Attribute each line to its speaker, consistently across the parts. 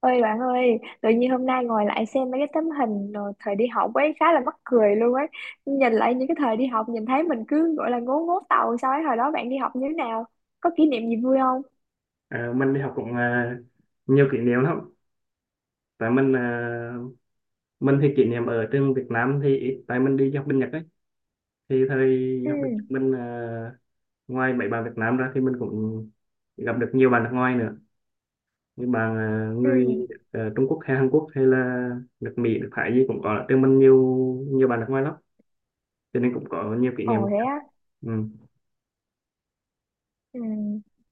Speaker 1: Ơi bạn ơi, tự nhiên hôm nay ngồi lại xem mấy cái tấm hình rồi thời đi học ấy khá là mắc cười luôn ấy. Nhìn lại những cái thời đi học nhìn thấy mình cứ gọi là ngố ngố tàu sao ấy, hồi đó bạn đi học như thế nào? Có kỷ niệm gì vui không?
Speaker 2: Mình đi học cũng nhiều kỷ niệm lắm tại mình thì kỷ niệm ở trên Việt Nam thì ít tại mình đi học bên Nhật ấy, thì thời
Speaker 1: Ừ,
Speaker 2: học bên Nhật mình ngoài mấy bạn Việt Nam ra thì mình cũng gặp được nhiều bạn nước ngoài nữa, như người
Speaker 1: ừ,
Speaker 2: Trung Quốc hay Hàn Quốc hay là nước Mỹ, nước Thái gì cũng có, ở trên mình nhiều nhiều bạn nước ngoài lắm, cho nên cũng có nhiều kỷ niệm.
Speaker 1: ồ thế á.
Speaker 2: Ừ.
Speaker 1: Ừ.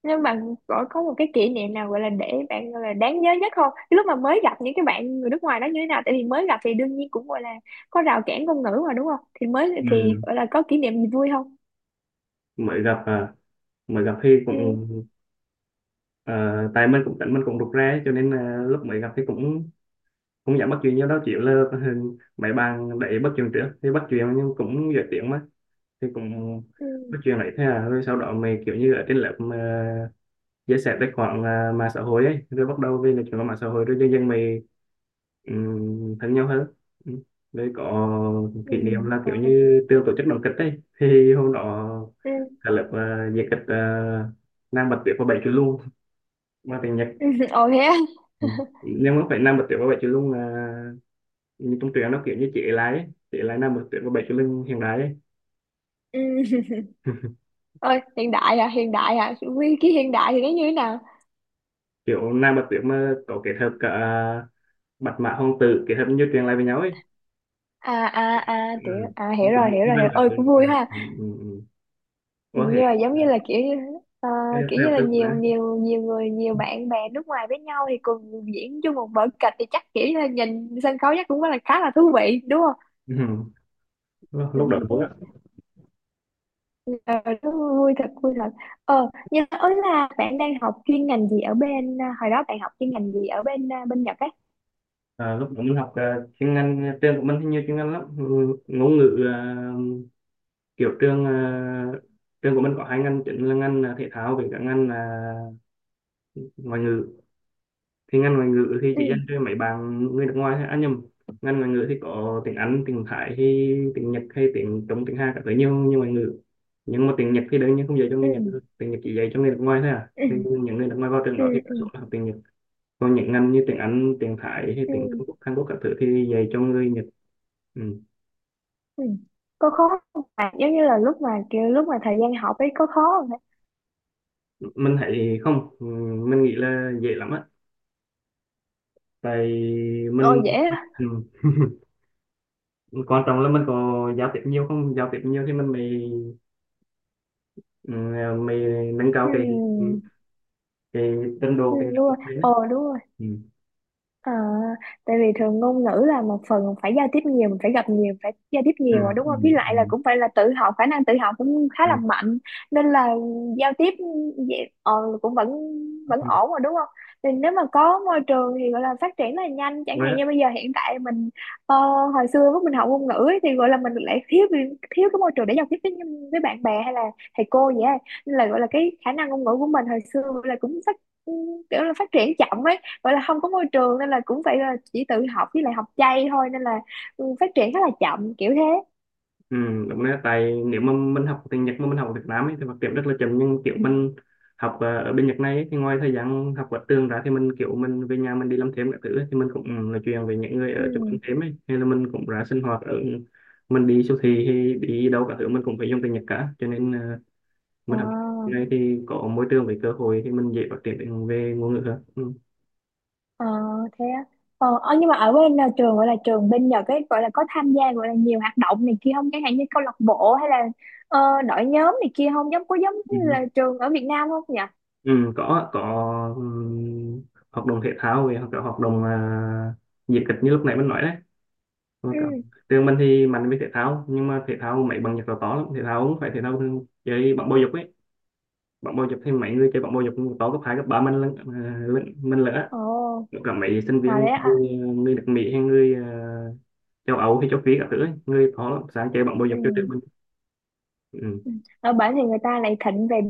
Speaker 1: Nhưng mà gọi có một cái kỷ niệm nào gọi là để bạn gọi là đáng nhớ nhất không? Cái lúc mà mới gặp những cái bạn người nước ngoài đó như thế nào? Tại vì mới gặp thì đương nhiên cũng gọi là có rào cản ngôn ngữ mà đúng không? Thì mới thì
Speaker 2: Ừ.
Speaker 1: gọi là có kỷ niệm gì vui không?
Speaker 2: Mới gặp mới gặp thì cũng
Speaker 1: Ừ,
Speaker 2: tại mình cũng tính mình cũng rụt rè cho nên lúc mới gặp thì cũng cũng dẫn bắt chuyện với đó chịu là mấy bạn đẩy bắt chuyện trước thì bắt chuyện nhưng cũng dễ tiếng mà, thì cũng
Speaker 1: ừ,
Speaker 2: bắt chuyện lại thế à, rồi sau đó mày kiểu như ở trên lớp mà chia sẻ tài khoản mạng xã hội ấy, rồi bắt đầu về là chuyện qua mạng xã hội, rồi dần dần mày thân nhau hơn. Ừ. Rồi có
Speaker 1: ừ.
Speaker 2: kỷ niệm là
Speaker 1: ờ,
Speaker 2: kiểu như trường tổ chức đoàn kịch ấy, thì hôm đó
Speaker 1: ừ.
Speaker 2: cả lớp diễn kịch Nam Bạch Tuyết và Bảy Chú Lung mà tiếng Nhật.
Speaker 1: Ừ, ồ thế á.
Speaker 2: Ừ. Nhưng mà phải Nam Bạch Tuyết và Bảy Chú Lung là như trong truyện, nó kiểu như chị lái ấy. Chị lái Nam Bạch Tuyết và Bảy Chú Linh hiện đại ấy.
Speaker 1: Ừ. Ôi, hiện đại à, hiện đại à, cái hiện đại thì nó như thế nào?
Speaker 2: Kiểu Nam Bạch Tuyết mà có kết hợp cả bạch mã hoàng tử, kết hợp như truyện lại với nhau ấy.
Speaker 1: À à à, kiểu
Speaker 2: Ừ.
Speaker 1: à, hiểu
Speaker 2: Cũng kiểu
Speaker 1: rồi,
Speaker 2: lục
Speaker 1: hiểu rồi,
Speaker 2: vân
Speaker 1: hiểu
Speaker 2: ở
Speaker 1: ơi, cũng vui ha.
Speaker 2: ừ, ừ, ừ. Ừ. Có thể
Speaker 1: Nhưng mà giống như là kiểu như, ờ,
Speaker 2: theo
Speaker 1: kiểu như là
Speaker 2: xem
Speaker 1: nhiều
Speaker 2: quá.
Speaker 1: nhiều nhiều người, nhiều bạn bè nước ngoài với nhau thì cùng diễn chung một vở kịch thì chắc kiểu như là nhìn sân khấu chắc cũng rất là khá là thú vị đúng không?
Speaker 2: Ừ. Lúc lúc đó vui á.
Speaker 1: Ừ, ờ, nó vui thật, vui thật. Nhưng mà ấy là bạn đang học chuyên ngành gì ở bên hồi đó bạn học chuyên ngành gì ở bên bên Nhật ấy?
Speaker 2: Lúc đó mình học chuyên ngành trường của mình thì nhiều chuyên ngành lắm. Ừ, ngôn ngữ là kiểu trường của mình có hai ngành chính, là ngành thể thao với cả ngành là ngoại ngữ. Thì ngành ngoại ngữ thì chị dành
Speaker 1: Ừ,
Speaker 2: cho mấy bạn người nước ngoài thôi à nhầm, ngành ngoại ngữ thì có tiếng Anh, tiếng Thái hay tiếng Nhật hay tiếng Trung, tiếng Hàn các thứ, nhiều nhiều ngoại ngữ. Nhưng mà tiếng Nhật thì đương nhiên không dạy cho
Speaker 1: ừ,
Speaker 2: người Nhật thôi. Tiếng Nhật chỉ dạy cho người nước ngoài thôi à, thì
Speaker 1: ừ.
Speaker 2: những người nước ngoài vào trường
Speaker 1: Ừ,
Speaker 2: đó thì đa
Speaker 1: ừ,
Speaker 2: số là học tiếng Nhật. Còn những ngành như tiếng Anh, tiếng Thái hay
Speaker 1: ừ,
Speaker 2: tiếng Trung Quốc, Hàn Quốc các thứ thì dạy cho người Nhật. Ừ.
Speaker 1: ừ. Có khó không bạn? Giống như là lúc mà kiểu lúc mà thời gian học ấy có khó không hả?
Speaker 2: Mình thấy không, ừ, mình nghĩ là dễ lắm á. Tại
Speaker 1: Ồ
Speaker 2: mình
Speaker 1: dễ á.
Speaker 2: ừ. Quan trọng là mình có giao tiếp nhiều không, giao tiếp nhiều thì mình mới ừ, mày nâng cao
Speaker 1: Ừ,
Speaker 2: cái cái trình
Speaker 1: ừ
Speaker 2: độ, cái
Speaker 1: đúng
Speaker 2: nhận thức
Speaker 1: rồi,
Speaker 2: đấy.
Speaker 1: ồ đúng rồi.
Speaker 2: Ừ.
Speaker 1: Ờ, tại vì thường ngôn ngữ là một phần mình phải giao tiếp nhiều, mình phải gặp nhiều, phải giao tiếp
Speaker 2: Ừ.
Speaker 1: nhiều mà đúng
Speaker 2: Ừ.
Speaker 1: không? Với lại là
Speaker 2: Ừ.
Speaker 1: cũng phải là tự học, khả năng tự học cũng khá
Speaker 2: Ừ.
Speaker 1: là mạnh nên là giao tiếp vậy, cũng vẫn vẫn
Speaker 2: Ừ.
Speaker 1: ổn mà đúng không? Thì nếu mà có môi trường thì gọi là phát triển rất là nhanh, chẳng
Speaker 2: Đúng
Speaker 1: hạn
Speaker 2: đấy.
Speaker 1: như bây giờ hiện tại mình ờ, hồi xưa lúc mình học ngôn ngữ ấy, thì gọi là mình lại thiếu thiếu cái môi trường để giao tiếp với bạn bè hay là thầy cô vậy á. Nên là gọi là cái khả năng ngôn ngữ của mình hồi xưa là cũng phát kiểu là phát triển chậm ấy, gọi là không có môi trường nên là cũng phải là chỉ tự học với lại học chay thôi nên là ừ, phát triển khá là chậm kiểu thế.
Speaker 2: Ừ. Đúng đấy. Tại nếu mà mình học tiếng Nhật mà mình học ở Việt Nam ấy, thì phát triển rất là chậm, nhưng kiểu mình học ở bên Nhật này ấy, thì ngoài thời gian học ở trường ra, thì mình kiểu mình về nhà mình đi làm thêm các thứ ấy, thì mình cũng ừ, nói chuyện với những người
Speaker 1: Ừ.
Speaker 2: ở chỗ ăn thêm ấy, hay là mình cũng ra sinh hoạt ở mình đi siêu thị hay đi đâu cả thứ mình cũng phải dùng tiếng Nhật cả, cho nên
Speaker 1: Ờ,
Speaker 2: mình học tiếng Nhật này thì có môi trường với cơ hội, thì mình dễ phát triển về ngôn ngữ hơn. Ừ.
Speaker 1: ờ, thế á. Ờ, ờ, nhưng mà ở bên là trường, gọi là trường bên Nhật ấy, gọi là có tham gia gọi là nhiều hoạt động này kia không, chẳng hạn như câu lạc bộ hay là ờ, đội nhóm này kia không, giống có giống như
Speaker 2: Ừ.
Speaker 1: là trường ở Việt Nam không nhỉ?
Speaker 2: Ừ, có, ừ, hoạt động thể thao về hoặc là hoạt động diễn kịch như lúc nãy mình nói đấy. Rồi cả-
Speaker 1: Ừ,
Speaker 2: trường mình thì mạnh với thể thao, nhưng mà thể thao mấy bằng Nhật là to lắm, thể thao cũng phải thể thao chơi bóng bầu dục ấy. Bóng bầu dục thì mấy người chơi bóng bầu dục cũng to, cấp hai cấp ba mình lận mình lỡ
Speaker 1: ồ,
Speaker 2: cả mấy sinh
Speaker 1: à
Speaker 2: viên
Speaker 1: đấy ạ.
Speaker 2: người nước Mỹ hay người châu Âu hay châu Phi các thứ ấy. Người to lắm, sáng chơi bóng bầu
Speaker 1: Ừ.
Speaker 2: dục cho trường mình. Ừ.
Speaker 1: Ừ. Ở bển thì người ta lại thịnh về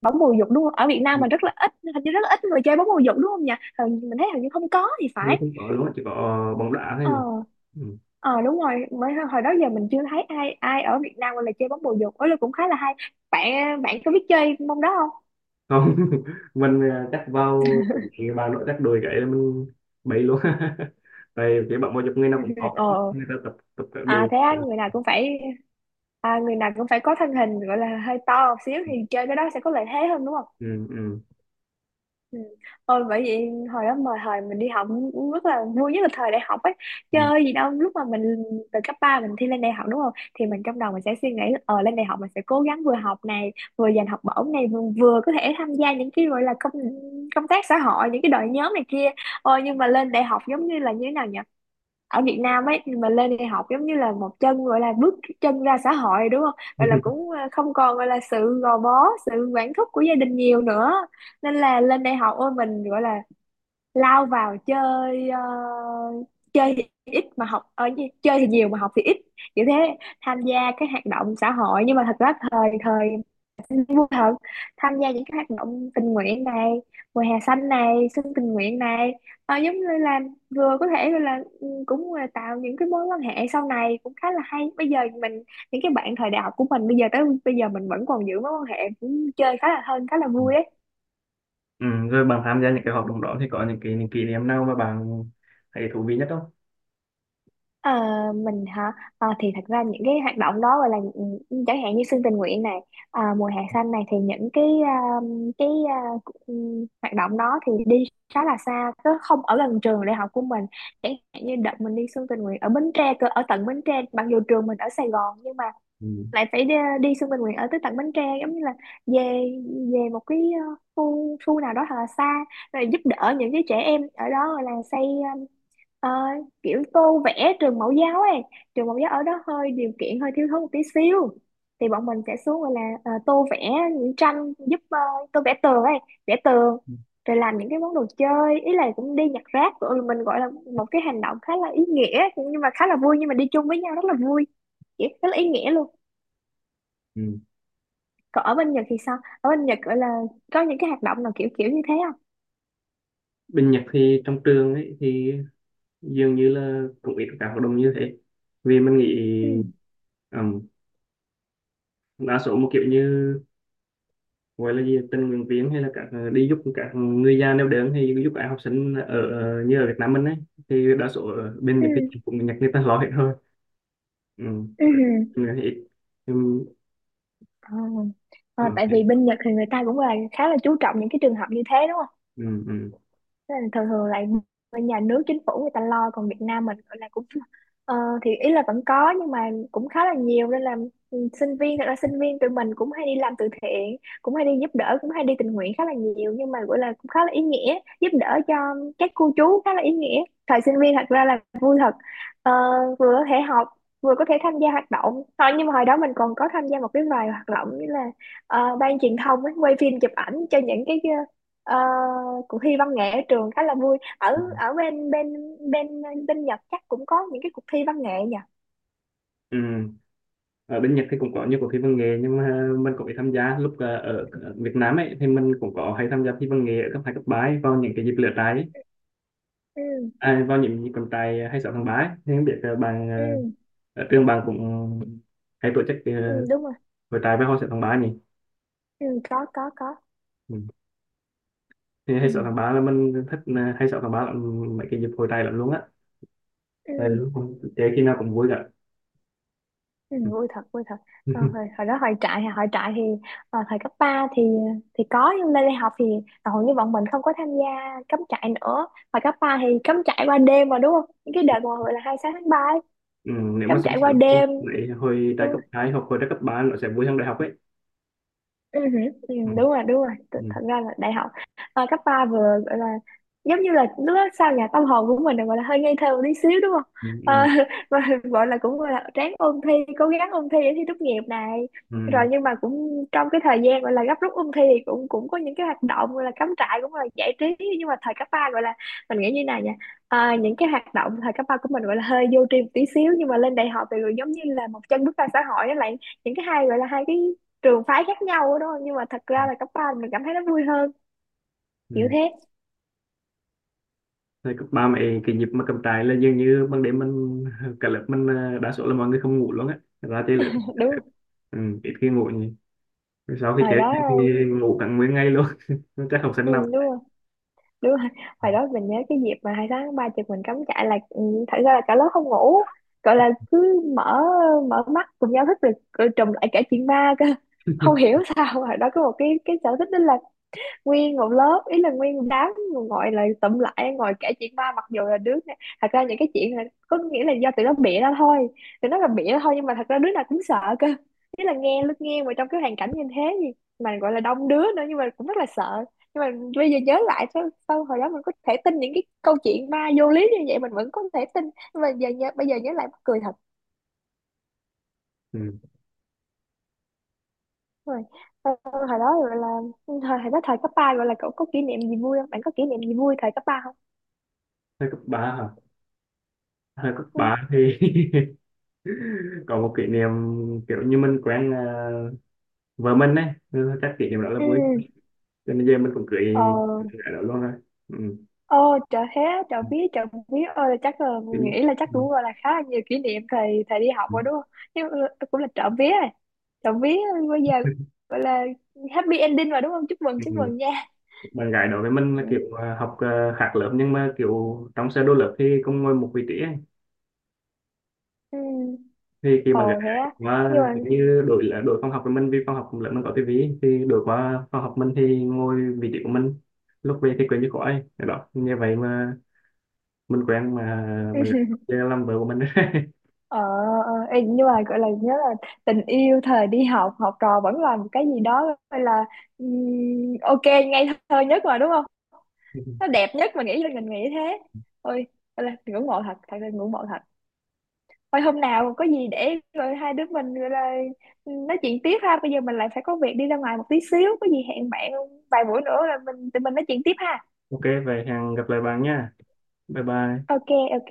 Speaker 1: bóng bầu dục đúng không? Ở Việt Nam mà rất là ít, hình như rất là ít người chơi bóng bầu dục đúng không nhỉ? Mình thấy hình như không có thì
Speaker 2: Hình như
Speaker 1: phải.
Speaker 2: không có luôn á, chỉ có bóng đá thôi
Speaker 1: Ờ,
Speaker 2: nhỉ. Ừ.
Speaker 1: ờ đúng rồi, mới hồi đó giờ mình chưa thấy ai, ai ở Việt Nam gọi là chơi bóng bầu dục ấy, là cũng khá là hay. Bạn Bạn có biết chơi môn đó không?
Speaker 2: Không. Mình chắc vào bà nội chắc đùi gãy là mình bậy luôn. Tại cái bọn môi dục người nào
Speaker 1: Ừ,
Speaker 2: cũng khó,
Speaker 1: ờ
Speaker 2: người ta tập tập các
Speaker 1: à
Speaker 2: đùi.
Speaker 1: thế á, người nào cũng phải người nào cũng phải có thân hình gọi là hơi to một xíu thì chơi cái đó sẽ có lợi thế hơn đúng không?
Speaker 2: Ừ, ừ,
Speaker 1: Ừ. Ôi bởi vậy hồi đó mà thời mình đi học cũng rất là vui, nhất là thời đại học ấy,
Speaker 2: ừ.
Speaker 1: chơi gì đâu lúc mà mình từ cấp 3 mình thi lên đại học đúng không, thì mình trong đầu mình sẽ suy nghĩ là, ờ lên đại học mình sẽ cố gắng vừa học này, vừa giành học bổng này, vừa, vừa có thể tham gia những cái gọi là công công tác xã hội, những cái đội nhóm này kia. Ôi nhưng mà lên đại học giống như là như thế nào nhỉ, ở Việt Nam ấy mà lên đại học giống như là một chân gọi là bước chân ra xã hội đúng không? Gọi là cũng không còn gọi là sự gò bó, sự quản thúc của gia đình nhiều nữa. Nên là lên đại học ôi mình gọi là lao vào chơi, chơi thì ít mà học ở chơi thì nhiều mà học thì ít. Kiểu thế, tham gia các hoạt động xã hội, nhưng mà thật ra thời thời vui thật, tham gia những cái hoạt động tình nguyện này, mùa hè xanh này, xuân tình nguyện này. Ờ, giống như là vừa có thể gọi là ừ, cũng là tạo những cái mối quan hệ sau này cũng khá là hay, bây giờ mình những cái bạn thời đại học của mình bây giờ tới bây giờ mình vẫn còn giữ mối quan hệ cũng chơi khá là thân, khá là vui ấy.
Speaker 2: Ừ. Rồi bạn tham gia những cái hoạt động đó thì có những cái những kỷ niệm nào mà bạn thấy thú vị nhất không.
Speaker 1: Ờ, mình hả? Ờ, thì thật ra những cái hoạt động đó gọi là những- chẳng hạn như xuân tình nguyện này, mùa hè xanh này thì những cái hoạt động đó thì đi khá là xa cứ không ở gần trường đại học của mình, chẳng hạn như đợt mình đi xuân tình nguyện ở Bến Tre cơ, ở tận Bến Tre mặc dù trường mình ở Sài Gòn nhưng mà
Speaker 2: Ừ.
Speaker 1: lại phải đi, đi Xuân Bình Nguyễn ở tới tận Bến Tre giống như là về về một cái khu, khu nào đó thật là xa, rồi giúp đỡ những cái trẻ em ở đó rồi là xây ờ, ờ, kiểu tô vẽ trường mẫu giáo ấy, trường mẫu giáo ở đó hơi điều kiện hơi thiếu thốn một tí xíu thì bọn mình sẽ xuống gọi là tô vẽ những tranh giúp, tô vẽ tường ấy, vẽ tường, rồi làm những cái món đồ chơi, ý là cũng đi nhặt rác rồi mình gọi là một cái hành động khá là ý nghĩa nhưng mà khá là vui, nhưng mà đi chung với nhau rất là vui vậy, rất là ý nghĩa luôn.
Speaker 2: Ừ.
Speaker 1: Còn ở bên Nhật thì sao? Ở bên Nhật gọi là có những cái hoạt động nào kiểu kiểu như thế không?
Speaker 2: Bên Nhật thì trong trường ấy thì dường như là cũng ít các hoạt động như thế, vì mình nghĩ
Speaker 1: Ừ.
Speaker 2: um, đa số một kiểu như gọi là gì tình nguyện viên hay là các đi giúp các người già neo đơn hay giúp các học sinh ở ở- như ở Việt Nam mình ấy, thì đa số ở bên
Speaker 1: Ừ.
Speaker 2: Nhật thì cũng Nhật người ta lo hết thôi. Ừ.
Speaker 1: Ừ.
Speaker 2: Các- người thì ít. Ừ.
Speaker 1: Ờ. Ờ, tại vì
Speaker 2: Ok.
Speaker 1: bên Nhật thì người ta cũng là khá là chú trọng những cái trường hợp như thế đúng.
Speaker 2: Ừ. Ừ.
Speaker 1: Thế là thường thường lại bên nhà nước chính phủ người ta lo, còn Việt Nam mình gọi là cũng ờ, thì ý là vẫn có nhưng mà cũng khá là nhiều nên là ừ, sinh viên thật ra sinh viên tụi mình cũng hay đi làm từ thiện, cũng hay đi giúp đỡ, cũng hay đi tình nguyện khá là nhiều nhưng mà gọi là cũng khá là ý nghĩa, giúp đỡ cho các cô chú khá là ý nghĩa, thời sinh viên thật ra là vui thật. Ờ, vừa có thể học vừa có thể tham gia hoạt động thôi, nhưng mà hồi đó mình còn có tham gia một cái vài hoạt động như là ban truyền thông ấy, quay phim chụp ảnh cho những cái Ờ, cuộc thi văn nghệ ở trường khá là vui, ở
Speaker 2: Ừ.
Speaker 1: ở bên bên bên Nhật chắc cũng có những cái cuộc thi văn nghệ nhỉ?
Speaker 2: Ừ. Ở bên Nhật thì cũng có nhiều cuộc thi văn nghệ, nhưng mà mình cũng ít tham gia. Lúc ở Việt Nam ấy, thì mình cũng có hay tham gia thi văn nghệ ở cấp hai cấp ba ấy, vào những cái dịp lễ trái ấy.
Speaker 1: Ừ,
Speaker 2: À, vào những dịp trọng tài 26 tháng 3 ấy. Thì không biết bạn
Speaker 1: ừ,
Speaker 2: ở trường bạn cũng hay tổ chức
Speaker 1: ừ đúng rồi,
Speaker 2: hội trại với hội sẽ tháng 3 nhỉ.
Speaker 1: ừ có,
Speaker 2: Ừ. Thì
Speaker 1: ừ,
Speaker 2: hay sợ thằng ba là mình thích hay sợ thằng ba là mấy cái dịp hồi tay lắm luôn á,
Speaker 1: ừ,
Speaker 2: tại lúc không chơi khi nào cũng vui cả.
Speaker 1: ừ
Speaker 2: Ừ.
Speaker 1: vui thật, vui thật. Ờ, hồi, hồi đó hồi trại, hồi trại thì thời cấp 3 thì có nhưng lên đại học thì hầu như bọn mình không có tham gia cắm trại nữa, hồi cấp 3 thì cắm trại qua đêm mà đúng không, những cái đợt mà gọi là 26 tháng 3 ấy,
Speaker 2: Ừ, nếu mà
Speaker 1: cắm
Speaker 2: so
Speaker 1: trại qua
Speaker 2: sánh
Speaker 1: đêm.
Speaker 2: lại hồi đại cấp 2 hoặc hồi đại cấp 3 nó sẽ vui hơn đại học ấy.
Speaker 1: Ừ, hử, ừ,
Speaker 2: Ừ.
Speaker 1: đúng rồi đúng rồi.
Speaker 2: Ừ.
Speaker 1: Thật ra là đại học cấp ba vừa gọi là giống như là lúc đó sao nhà tâm hồn của mình là gọi là hơi ngây thơ một tí xíu đúng không, à,
Speaker 2: Ừ.
Speaker 1: và gọi là cũng gọi là ráng ôn thi, cố gắng ôn thi để thi tốt nghiệp này
Speaker 2: Ừ.
Speaker 1: rồi,
Speaker 2: Ừ.
Speaker 1: nhưng mà cũng trong cái thời gian gọi là gấp rút ôn thi thì cũng cũng có những cái hoạt động gọi là cắm trại cũng là giải trí, nhưng mà thời cấp ba gọi là mình nghĩ như này nha, những cái hoạt động thời cấp ba của mình gọi là hơi vô tri một tí xíu, nhưng mà lên đại học thì rồi giống như là một chân bước ra xã hội đó lại, những cái hai gọi là hai cái trường phái khác nhau đó, nhưng mà thật ra là cấp ba mình cảm thấy nó vui hơn kiểu
Speaker 2: Ừ.
Speaker 1: thế.
Speaker 2: Thời cấp 3 mày cái dịp mà cầm trại là dường như ban đêm mình cả lớp mình đa số là mọi người không ngủ luôn á, ra chơi lớp.
Speaker 1: Đúng rồi.
Speaker 2: Ừ. Ít khi ngủ nhỉ, sau khi
Speaker 1: Hồi
Speaker 2: chơi
Speaker 1: đó
Speaker 2: thì ngủ cả nguyên ngày luôn. Chắc học sinh
Speaker 1: ừ,
Speaker 2: nào.
Speaker 1: đúng rồi đúng rồi, hồi đó mình nhớ cái dịp mà 2 tháng 3 chụp mình cắm trại là ừ, thật ra là cả lớp không ngủ, gọi là cứ mở, mở mắt cùng nhau thức được rồi, trùm lại cả chuyện ma cơ. Không hiểu sao hồi đó có một cái sở thích đó là nguyên một lớp ý là nguyên một đám ngồi lại tụm lại ngồi kể chuyện ma, mặc dù là đứa này- thật ra những cái chuyện là có nghĩa là do tụi nó bịa ra thôi, tụi nó là bịa ra thôi nhưng mà thật ra đứa nào cũng sợ cơ, ý là nghe lúc nghe mà trong cái hoàn cảnh như thế gì mà gọi là đông đứa nữa nhưng mà cũng rất là sợ, nhưng mà bây giờ nhớ lại sao, sao hồi đó mình có thể tin những cái câu chuyện ma vô lý như vậy mình vẫn có thể tin, nhưng mà giờ nhớ, bây giờ nhớ lại mắc cười thật.
Speaker 2: Ừ.
Speaker 1: Rồi hồi đó gọi là thời, hồi đó thời cấp ba gọi là cậu có kỷ niệm gì vui không, bạn có kỷ niệm gì vui thời cấp ba không?
Speaker 2: Thời cấp 3 hả, thời cấp
Speaker 1: Ừ.
Speaker 2: 3 thì còn một kỷ niệm kiểu như mình quen vợ mình ấy. Ừ, chắc kỷ niệm đó là
Speaker 1: Ừ.
Speaker 2: vui, cho nên giờ mình cũng cưới
Speaker 1: Ờ,
Speaker 2: gái đó luôn rồi. Ừ.
Speaker 1: ờ trời thế, trời biết ơi, là chắc là
Speaker 2: Ừ.
Speaker 1: nghĩ là chắc cũng gọi là khá là nhiều kỷ niệm thầy thầy đi học
Speaker 2: Ừ.
Speaker 1: rồi đúng không, nhưng mà cũng là trộm vía rồi, trộm vía, bây giờ gọi là happy ending rồi đúng không, chúc mừng chúc
Speaker 2: Ừ.
Speaker 1: mừng nha.
Speaker 2: Bạn gái đó với mình là kiểu
Speaker 1: Ừ.
Speaker 2: học khác lớp, nhưng mà kiểu trong sơ đồ lớp thì cũng ngồi một vị trí ấy.
Speaker 1: Ừ.
Speaker 2: Thì khi
Speaker 1: Ờ
Speaker 2: bạn gái
Speaker 1: thế á,
Speaker 2: mà
Speaker 1: nhưng mà
Speaker 2: kiểu như đổi là đổi phòng học với mình, vì phòng học lớp mình có tivi thì đổi qua phòng học mình thì ngồi vị trí của mình, lúc về thì quên như khỏi đó như vậy mà mình quen mà mình làm vợ của mình.
Speaker 1: ờ, ờ, ê, nhưng mà gọi là nhớ là tình yêu thời đi học, học trò vẫn là một cái gì đó gọi là ok ngây thơ nhất mà đúng không, nó đẹp nhất mà, nghĩ là mình nghĩ thế. Ôi gọi là ngưỡng mộ thật, thật là ngưỡng mộ thật. Thôi hôm nào có gì để rồi hai đứa mình gọi là ừ, nói chuyện tiếp ha. Bây giờ mình lại phải có việc đi ra ngoài một tí xíu. Có gì hẹn bạn vài buổi nữa là mình tụi mình nói chuyện tiếp ha.
Speaker 2: Ok, vậy hẹn gặp lại bạn nha. Bye bye.
Speaker 1: Ok, ok.